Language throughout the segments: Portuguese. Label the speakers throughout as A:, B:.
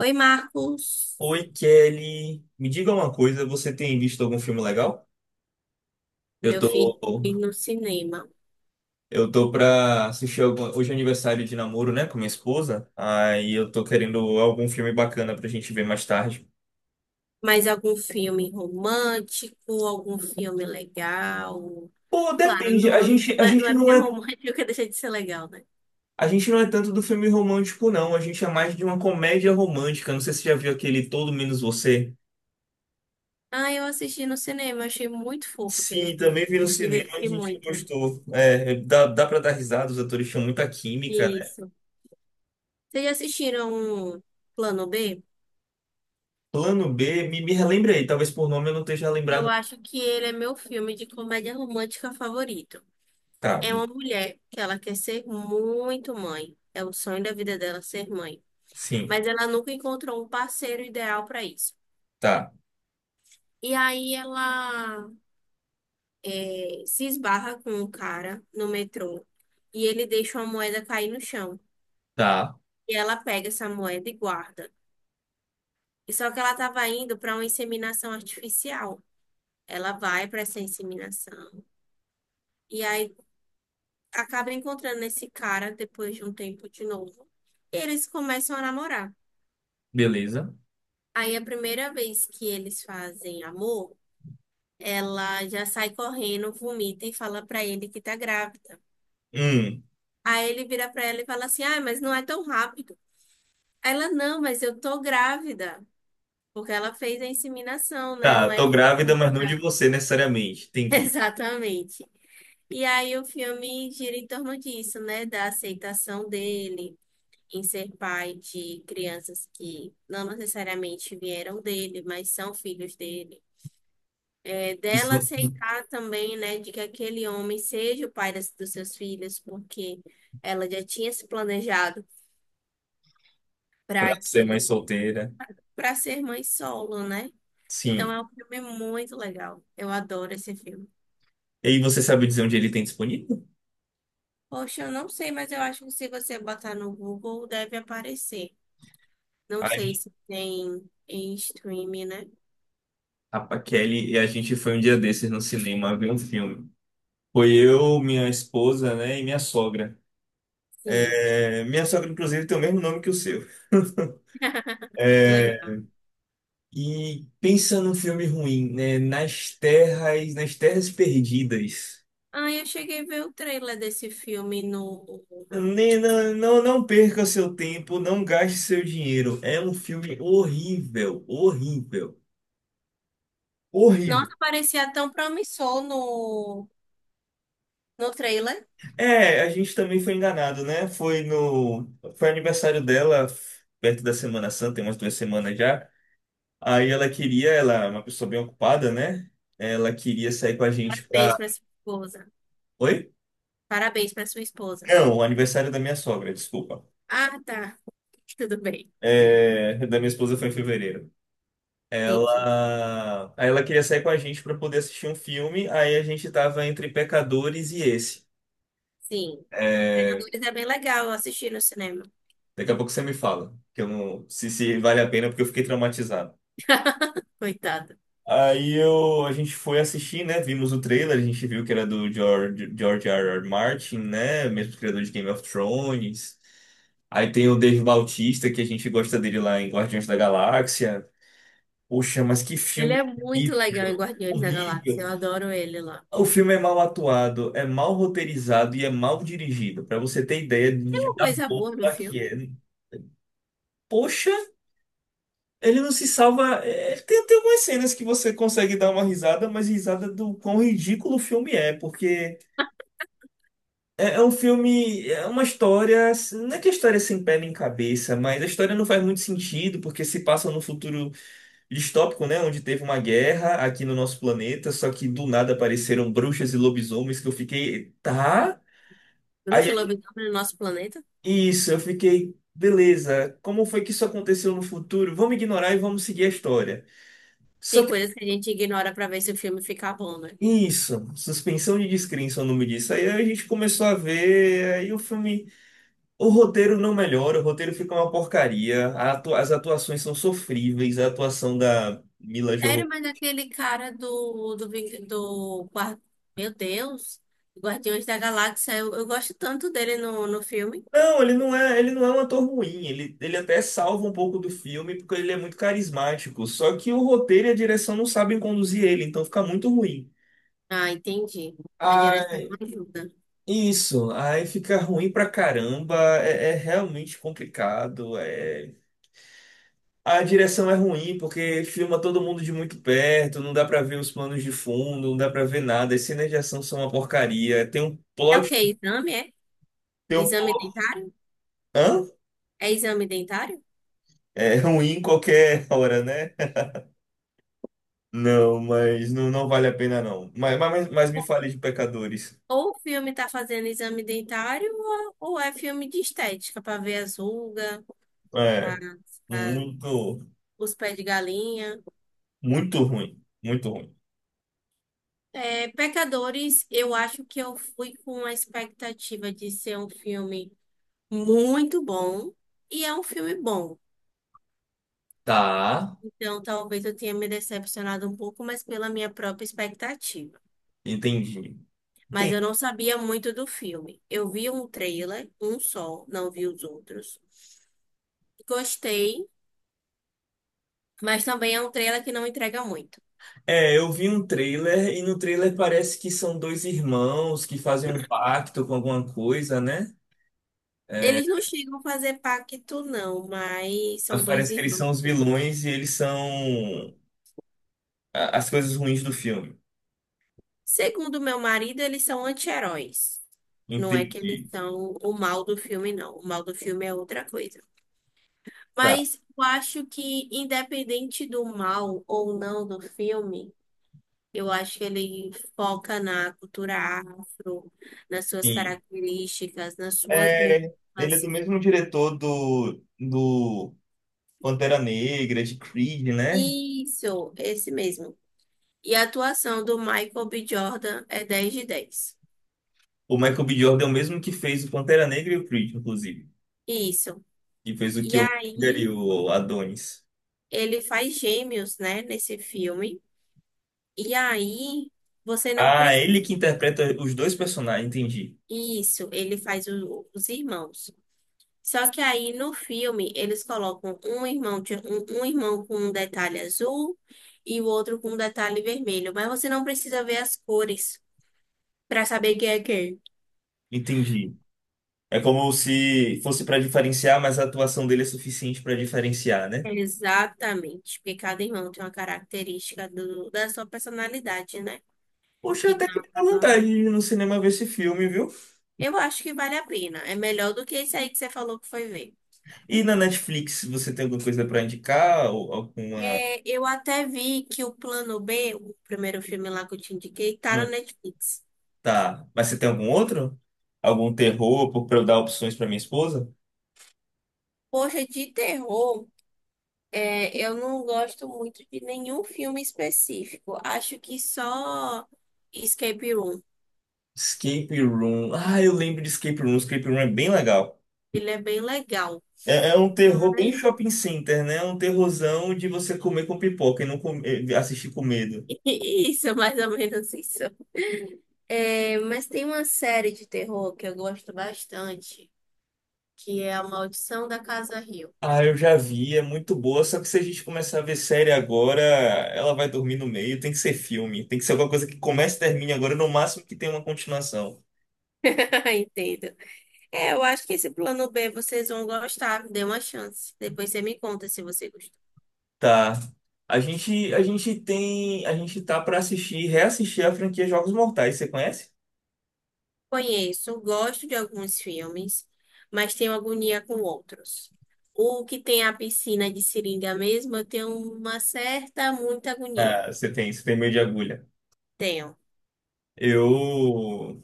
A: Oi, Marcos.
B: Oi, Kelly. Me diga uma coisa, você tem visto algum filme legal? Eu
A: Meu filho
B: tô,
A: ir no cinema.
B: eu tô pra assistir algum, hoje é aniversário de namoro, né, com minha esposa. Aí eu tô querendo algum filme bacana pra gente ver mais tarde.
A: Mais algum filme romântico, algum filme legal?
B: Pô,
A: Claro,
B: depende. A
A: não,
B: gente, a
A: não é, não
B: gente
A: é
B: não
A: porque é
B: é,
A: romântico que deixa de ser legal, né?
B: a gente não é tanto do filme romântico, não. A gente é mais de uma comédia romântica. Não sei se você já viu aquele Todo Menos Você.
A: Ah, eu assisti no cinema, achei muito fofo aquele
B: Sim,
A: filme.
B: também vi no cinema, a
A: Diverti
B: gente
A: muito.
B: gostou. É, dá pra dar risada, os atores tinham muita química.
A: Isso. Vocês já assistiram Plano B?
B: Plano B, me relembre aí, talvez por nome eu não esteja
A: Eu
B: lembrado.
A: acho que ele é meu filme de comédia romântica favorito.
B: Tá,
A: É uma mulher que ela quer ser muito mãe. É o sonho da vida dela ser mãe.
B: sim,
A: Mas ela nunca encontrou um parceiro ideal para isso.
B: tá,
A: E aí ela se esbarra com um cara no metrô e ele deixa uma moeda cair no chão.
B: tá,
A: E ela pega essa moeda e guarda. E só que ela estava indo para uma inseminação artificial. Ela vai para essa inseminação e aí acaba encontrando esse cara depois de um tempo de novo. E eles começam a namorar.
B: beleza.
A: Aí a primeira vez que eles fazem amor ela já sai correndo, vomita e fala pra ele que tá grávida.
B: Hum,
A: Aí ele vira pra ela e fala assim: "Ah, mas não é tão rápido". Aí ela: "Não, mas eu tô grávida, porque ela fez a inseminação, né?
B: tá,
A: Não é
B: tô grávida, mas não de você necessariamente, entendi.
A: exatamente". E aí o filme gira em torno disso, né, da aceitação dele em ser pai de crianças que não necessariamente vieram dele, mas são filhos dele. É dela
B: Isso.
A: aceitar também, né, de que aquele homem seja o pai dos seus filhos, porque ela já tinha se planejado
B: Pra
A: para
B: ser mais
A: que
B: solteira,
A: para ser mãe solo, né? Então
B: sim.
A: é um filme muito legal. Eu adoro esse filme.
B: E aí você sabe dizer onde ele tem disponível?
A: Poxa, eu não sei, mas eu acho que se você botar no Google deve aparecer. Não sei
B: Ai,
A: se tem em streaming, né?
B: a Kelly e a gente foi um dia desses no cinema ver um filme. Foi eu, minha esposa, né, e minha sogra.
A: Sim.
B: É, minha sogra, inclusive, tem o mesmo nome que o seu.
A: Que
B: É,
A: legal.
B: e pensa num filme ruim, né? Nas terras perdidas.
A: Ah, eu cheguei a ver o trailer desse filme no.
B: Não, não, não perca seu tempo, não gaste seu dinheiro. É um filme horrível, horrível, horrível.
A: Nossa, parecia tão promissor no trailer.
B: É, a gente também foi enganado, né? Foi no, foi aniversário dela, perto da Semana Santa, tem umas duas semanas já. Aí ela queria, ela é uma pessoa bem ocupada, né? Ela queria sair com a gente
A: Parabéns
B: pra.
A: pra sua esposa.
B: Oi?
A: Parabéns pra sua esposa.
B: Não, o aniversário da minha sogra, desculpa.
A: Ah, tá. Tudo bem.
B: É, da minha esposa foi em fevereiro.
A: Entendi.
B: Aí ela queria sair com a gente para poder assistir um filme, aí a gente tava entre Pecadores e esse.
A: Sim.
B: É,
A: Predadores é bem legal assistir no cinema.
B: daqui a pouco você me fala, que eu não, se vale a pena, porque eu fiquei traumatizado.
A: Coitado.
B: A gente foi assistir, né? Vimos o trailer, a gente viu que era do George R. R. Martin, né? Mesmo criador de Game of Thrones. Aí tem o Dave Bautista, que a gente gosta dele lá em Guardiões da Galáxia. Poxa, mas que
A: Ele
B: filme
A: é muito legal em
B: horrível!
A: Guardiões da Galáxia.
B: Horrível!
A: Eu adoro ele lá.
B: O filme é mal atuado, é mal roteirizado e é mal dirigido. Pra você ter ideia
A: Tem uma
B: da
A: coisa boa no
B: bomba que
A: filme.
B: é. Poxa, ele não se salva. É, tem algumas cenas que você consegue dar uma risada, mas risada do quão ridículo o filme é, porque é, é um filme, é uma história. Não é que a história é sem pé nem cabeça, mas a história não faz muito sentido, porque se passa num futuro distópico, né? Onde teve uma guerra aqui no nosso planeta, só que do nada apareceram bruxas e lobisomens que eu fiquei. Tá?
A: Bruxa e
B: Aí
A: Lobisomem no nosso planeta.
B: isso, eu fiquei, beleza, como foi que isso aconteceu no futuro? Vamos ignorar e vamos seguir a história.
A: Tem
B: Só que,
A: coisas que a gente ignora pra ver se o filme fica bom, né?
B: isso, suspensão de descrença, é o nome disso. Aí a gente começou a ver, aí o filme, o roteiro não melhora, o roteiro fica uma porcaria, a as atuações são sofríveis, a atuação da Mila
A: Sério,
B: Jovovich.
A: mas aquele cara do Meu Deus. Guardiões da Galáxia. Eu gosto tanto dele no filme.
B: Não, ele não é um ator ruim, ele até salva um pouco do filme, porque ele é muito carismático, só que o roteiro e a direção não sabem conduzir ele, então fica muito ruim.
A: Ah, entendi. A direção não ajuda.
B: Isso, aí fica ruim pra caramba, é, é realmente complicado. A direção é ruim porque filma todo mundo de muito perto, não dá pra ver os planos de fundo, não dá pra ver nada. As cenas de ação são uma porcaria. Tem um
A: É o
B: plot,
A: quê? Exame, é?
B: tem um...
A: Exame dentário?
B: Hã?
A: É exame dentário?
B: É ruim em qualquer hora, né? Não, mas não, não vale a pena não. Mas me fale de Pecadores.
A: Ou o filme tá fazendo exame dentário, ou é filme de estética, para ver as rugas, a-
B: É,
A: a-
B: muito,
A: os pés de galinha.
B: muito ruim, muito ruim.
A: É, Pecadores, eu acho que eu fui com a expectativa de ser um filme muito bom, e é um filme bom.
B: Tá,
A: Então, talvez eu tenha me decepcionado um pouco, mas pela minha própria expectativa.
B: entendi.
A: Mas eu não sabia muito do filme. Eu vi um trailer, um só, não vi os outros. Gostei, mas também é um trailer que não entrega muito.
B: É, eu vi um trailer e no trailer parece que são dois irmãos que fazem um pacto com alguma coisa, né? É,
A: Eles não chegam a fazer pacto, não, mas
B: mas
A: são dois
B: parece que eles
A: irmãos.
B: são os
A: Sim.
B: vilões e eles são as coisas ruins do filme.
A: Segundo meu marido, eles são anti-heróis. Não é que eles
B: Entendi.
A: são o mal do filme, não. O mal do filme é outra coisa.
B: Tá.
A: Mas eu acho que, independente do mal ou não do filme, eu acho que ele foca na cultura afro, nas suas
B: Sim.
A: características, nas suas
B: É, ele é
A: músicas.
B: do mesmo diretor do Pantera Negra, de Creed, né?
A: Isso, esse mesmo. E a atuação do Michael B. Jordan é 10 de 10.
B: O Michael B. Jordan é o mesmo que fez o Pantera Negra e o Creed, inclusive.
A: Isso.
B: Que fez o
A: E
B: Killmonger e
A: aí,
B: o Adonis.
A: ele faz gêmeos, né, nesse filme. E aí, você não
B: Ah, é
A: precisa.
B: ele que interpreta os dois personagens, entendi.
A: Isso, ele faz os irmãos. Só que aí no filme eles colocam um irmão, um irmão com um detalhe azul e o outro com um detalhe vermelho. Mas você não precisa ver as cores para saber quem é quem.
B: Entendi. É como se fosse para diferenciar, mas a atuação dele é suficiente para diferenciar, né?
A: Exatamente, porque cada irmão tem uma característica da sua personalidade, né?
B: Poxa, até
A: Então
B: que me dá
A: acaba.
B: vontade de ir no cinema ver esse filme, viu?
A: Eu acho que vale a pena. É melhor do que esse aí que você falou que foi ver.
B: E na Netflix, você tem alguma coisa para indicar? Ou alguma.
A: É, eu até vi que o Plano B, o primeiro filme lá que eu te indiquei, tá
B: Hum,
A: no Netflix.
B: Tá. Mas você tem algum outro? Algum terror para eu dar opções para minha esposa?
A: Poxa, de terror. É, eu não gosto muito de nenhum filme específico. Acho que só Escape Room.
B: Escape Room. Ah, eu lembro de Escape Room. Escape Room é bem legal.
A: Ele é bem legal.
B: É, é um terror bem
A: Ai.
B: shopping center, né? É um terrorzão de você comer com pipoca e não assistir com medo.
A: Isso, é mais ou menos isso. É, mas tem uma série de terror que eu gosto bastante, que é A Maldição da Casa Rio.
B: Ah, eu já vi, é muito boa, só que se a gente começar a ver série agora, ela vai dormir no meio, tem que ser filme, tem que ser alguma coisa que comece e termine agora, no máximo que tenha uma continuação.
A: Entendo. É, eu acho que esse Plano B vocês vão gostar. Dê uma chance. Depois você me conta se você gostou.
B: Tá. A gente tá pra assistir, reassistir a franquia Jogos Mortais, você conhece?
A: Conheço, gosto de alguns filmes, mas tenho agonia com outros. O que tem a piscina de seringa mesmo, eu tenho uma certa, muita
B: Ah,
A: agonia.
B: você tem meio de agulha.
A: Tenho.
B: Eu,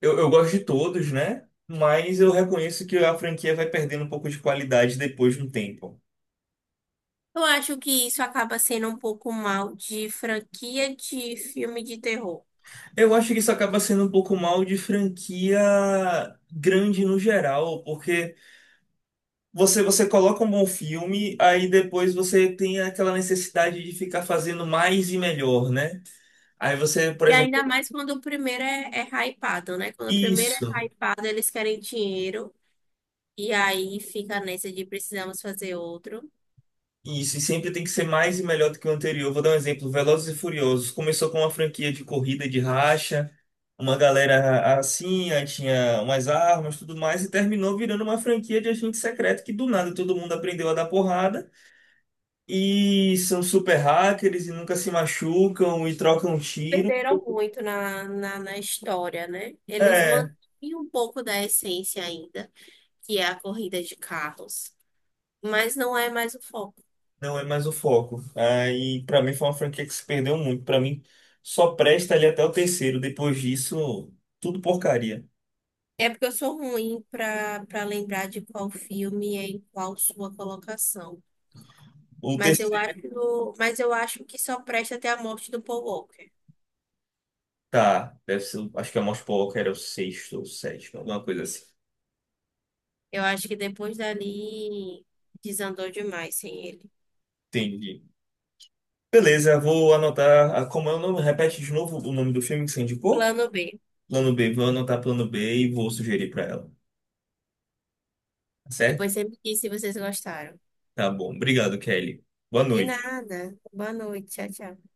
B: eu gosto de todos, né? Mas eu reconheço que a franquia vai perdendo um pouco de qualidade depois de um tempo.
A: Eu acho que isso acaba sendo um pouco mal de franquia de filme de terror.
B: Eu acho que isso acaba sendo um pouco mal de franquia grande no geral, porque você coloca um bom filme, aí depois você tem aquela necessidade de ficar fazendo mais e melhor, né? Aí você, por
A: E ainda
B: exemplo,
A: mais quando o primeiro é hypado, né? Quando o primeiro
B: isso,
A: é hypado, eles querem dinheiro. E aí fica nessa de precisamos fazer outro.
B: isso, e sempre tem que ser mais e melhor do que o anterior. Vou dar um exemplo, Velozes e Furiosos começou com uma franquia de corrida de racha, uma galera assim, aí tinha umas armas, tudo mais, e terminou virando uma franquia de agente secreto que do nada todo mundo aprendeu a dar porrada. E são super hackers e nunca se machucam e trocam tiro.
A: Perderam muito na história, né? Eles
B: É,
A: mantêm um pouco da essência ainda, que é a corrida de carros, mas não é mais o foco.
B: não é mais o foco. Aí, pra mim, foi uma franquia que se perdeu muito. Pra mim, só presta ali até o terceiro. Depois disso, tudo porcaria.
A: É porque eu sou ruim para lembrar de qual filme é em qual sua colocação.
B: O
A: Mas eu
B: terceiro.
A: acho, mas eu acho que só presta até a morte do Paul Walker.
B: Tá, deve ser, acho que a Most Poker era o sexto ou sétimo, alguma coisa assim.
A: Eu acho que depois dali desandou demais sem ele.
B: Entendi. Beleza, vou anotar. Ah, como é o nome? Repete de novo o nome do filme que você indicou?
A: Plano B.
B: Plano B. Vou anotar plano B e vou sugerir pra ela. Tá certo?
A: Depois você me diz se vocês gostaram.
B: Tá bom. Obrigado, Kelly. Boa
A: De
B: noite.
A: nada. Boa noite. Tchau, tchau.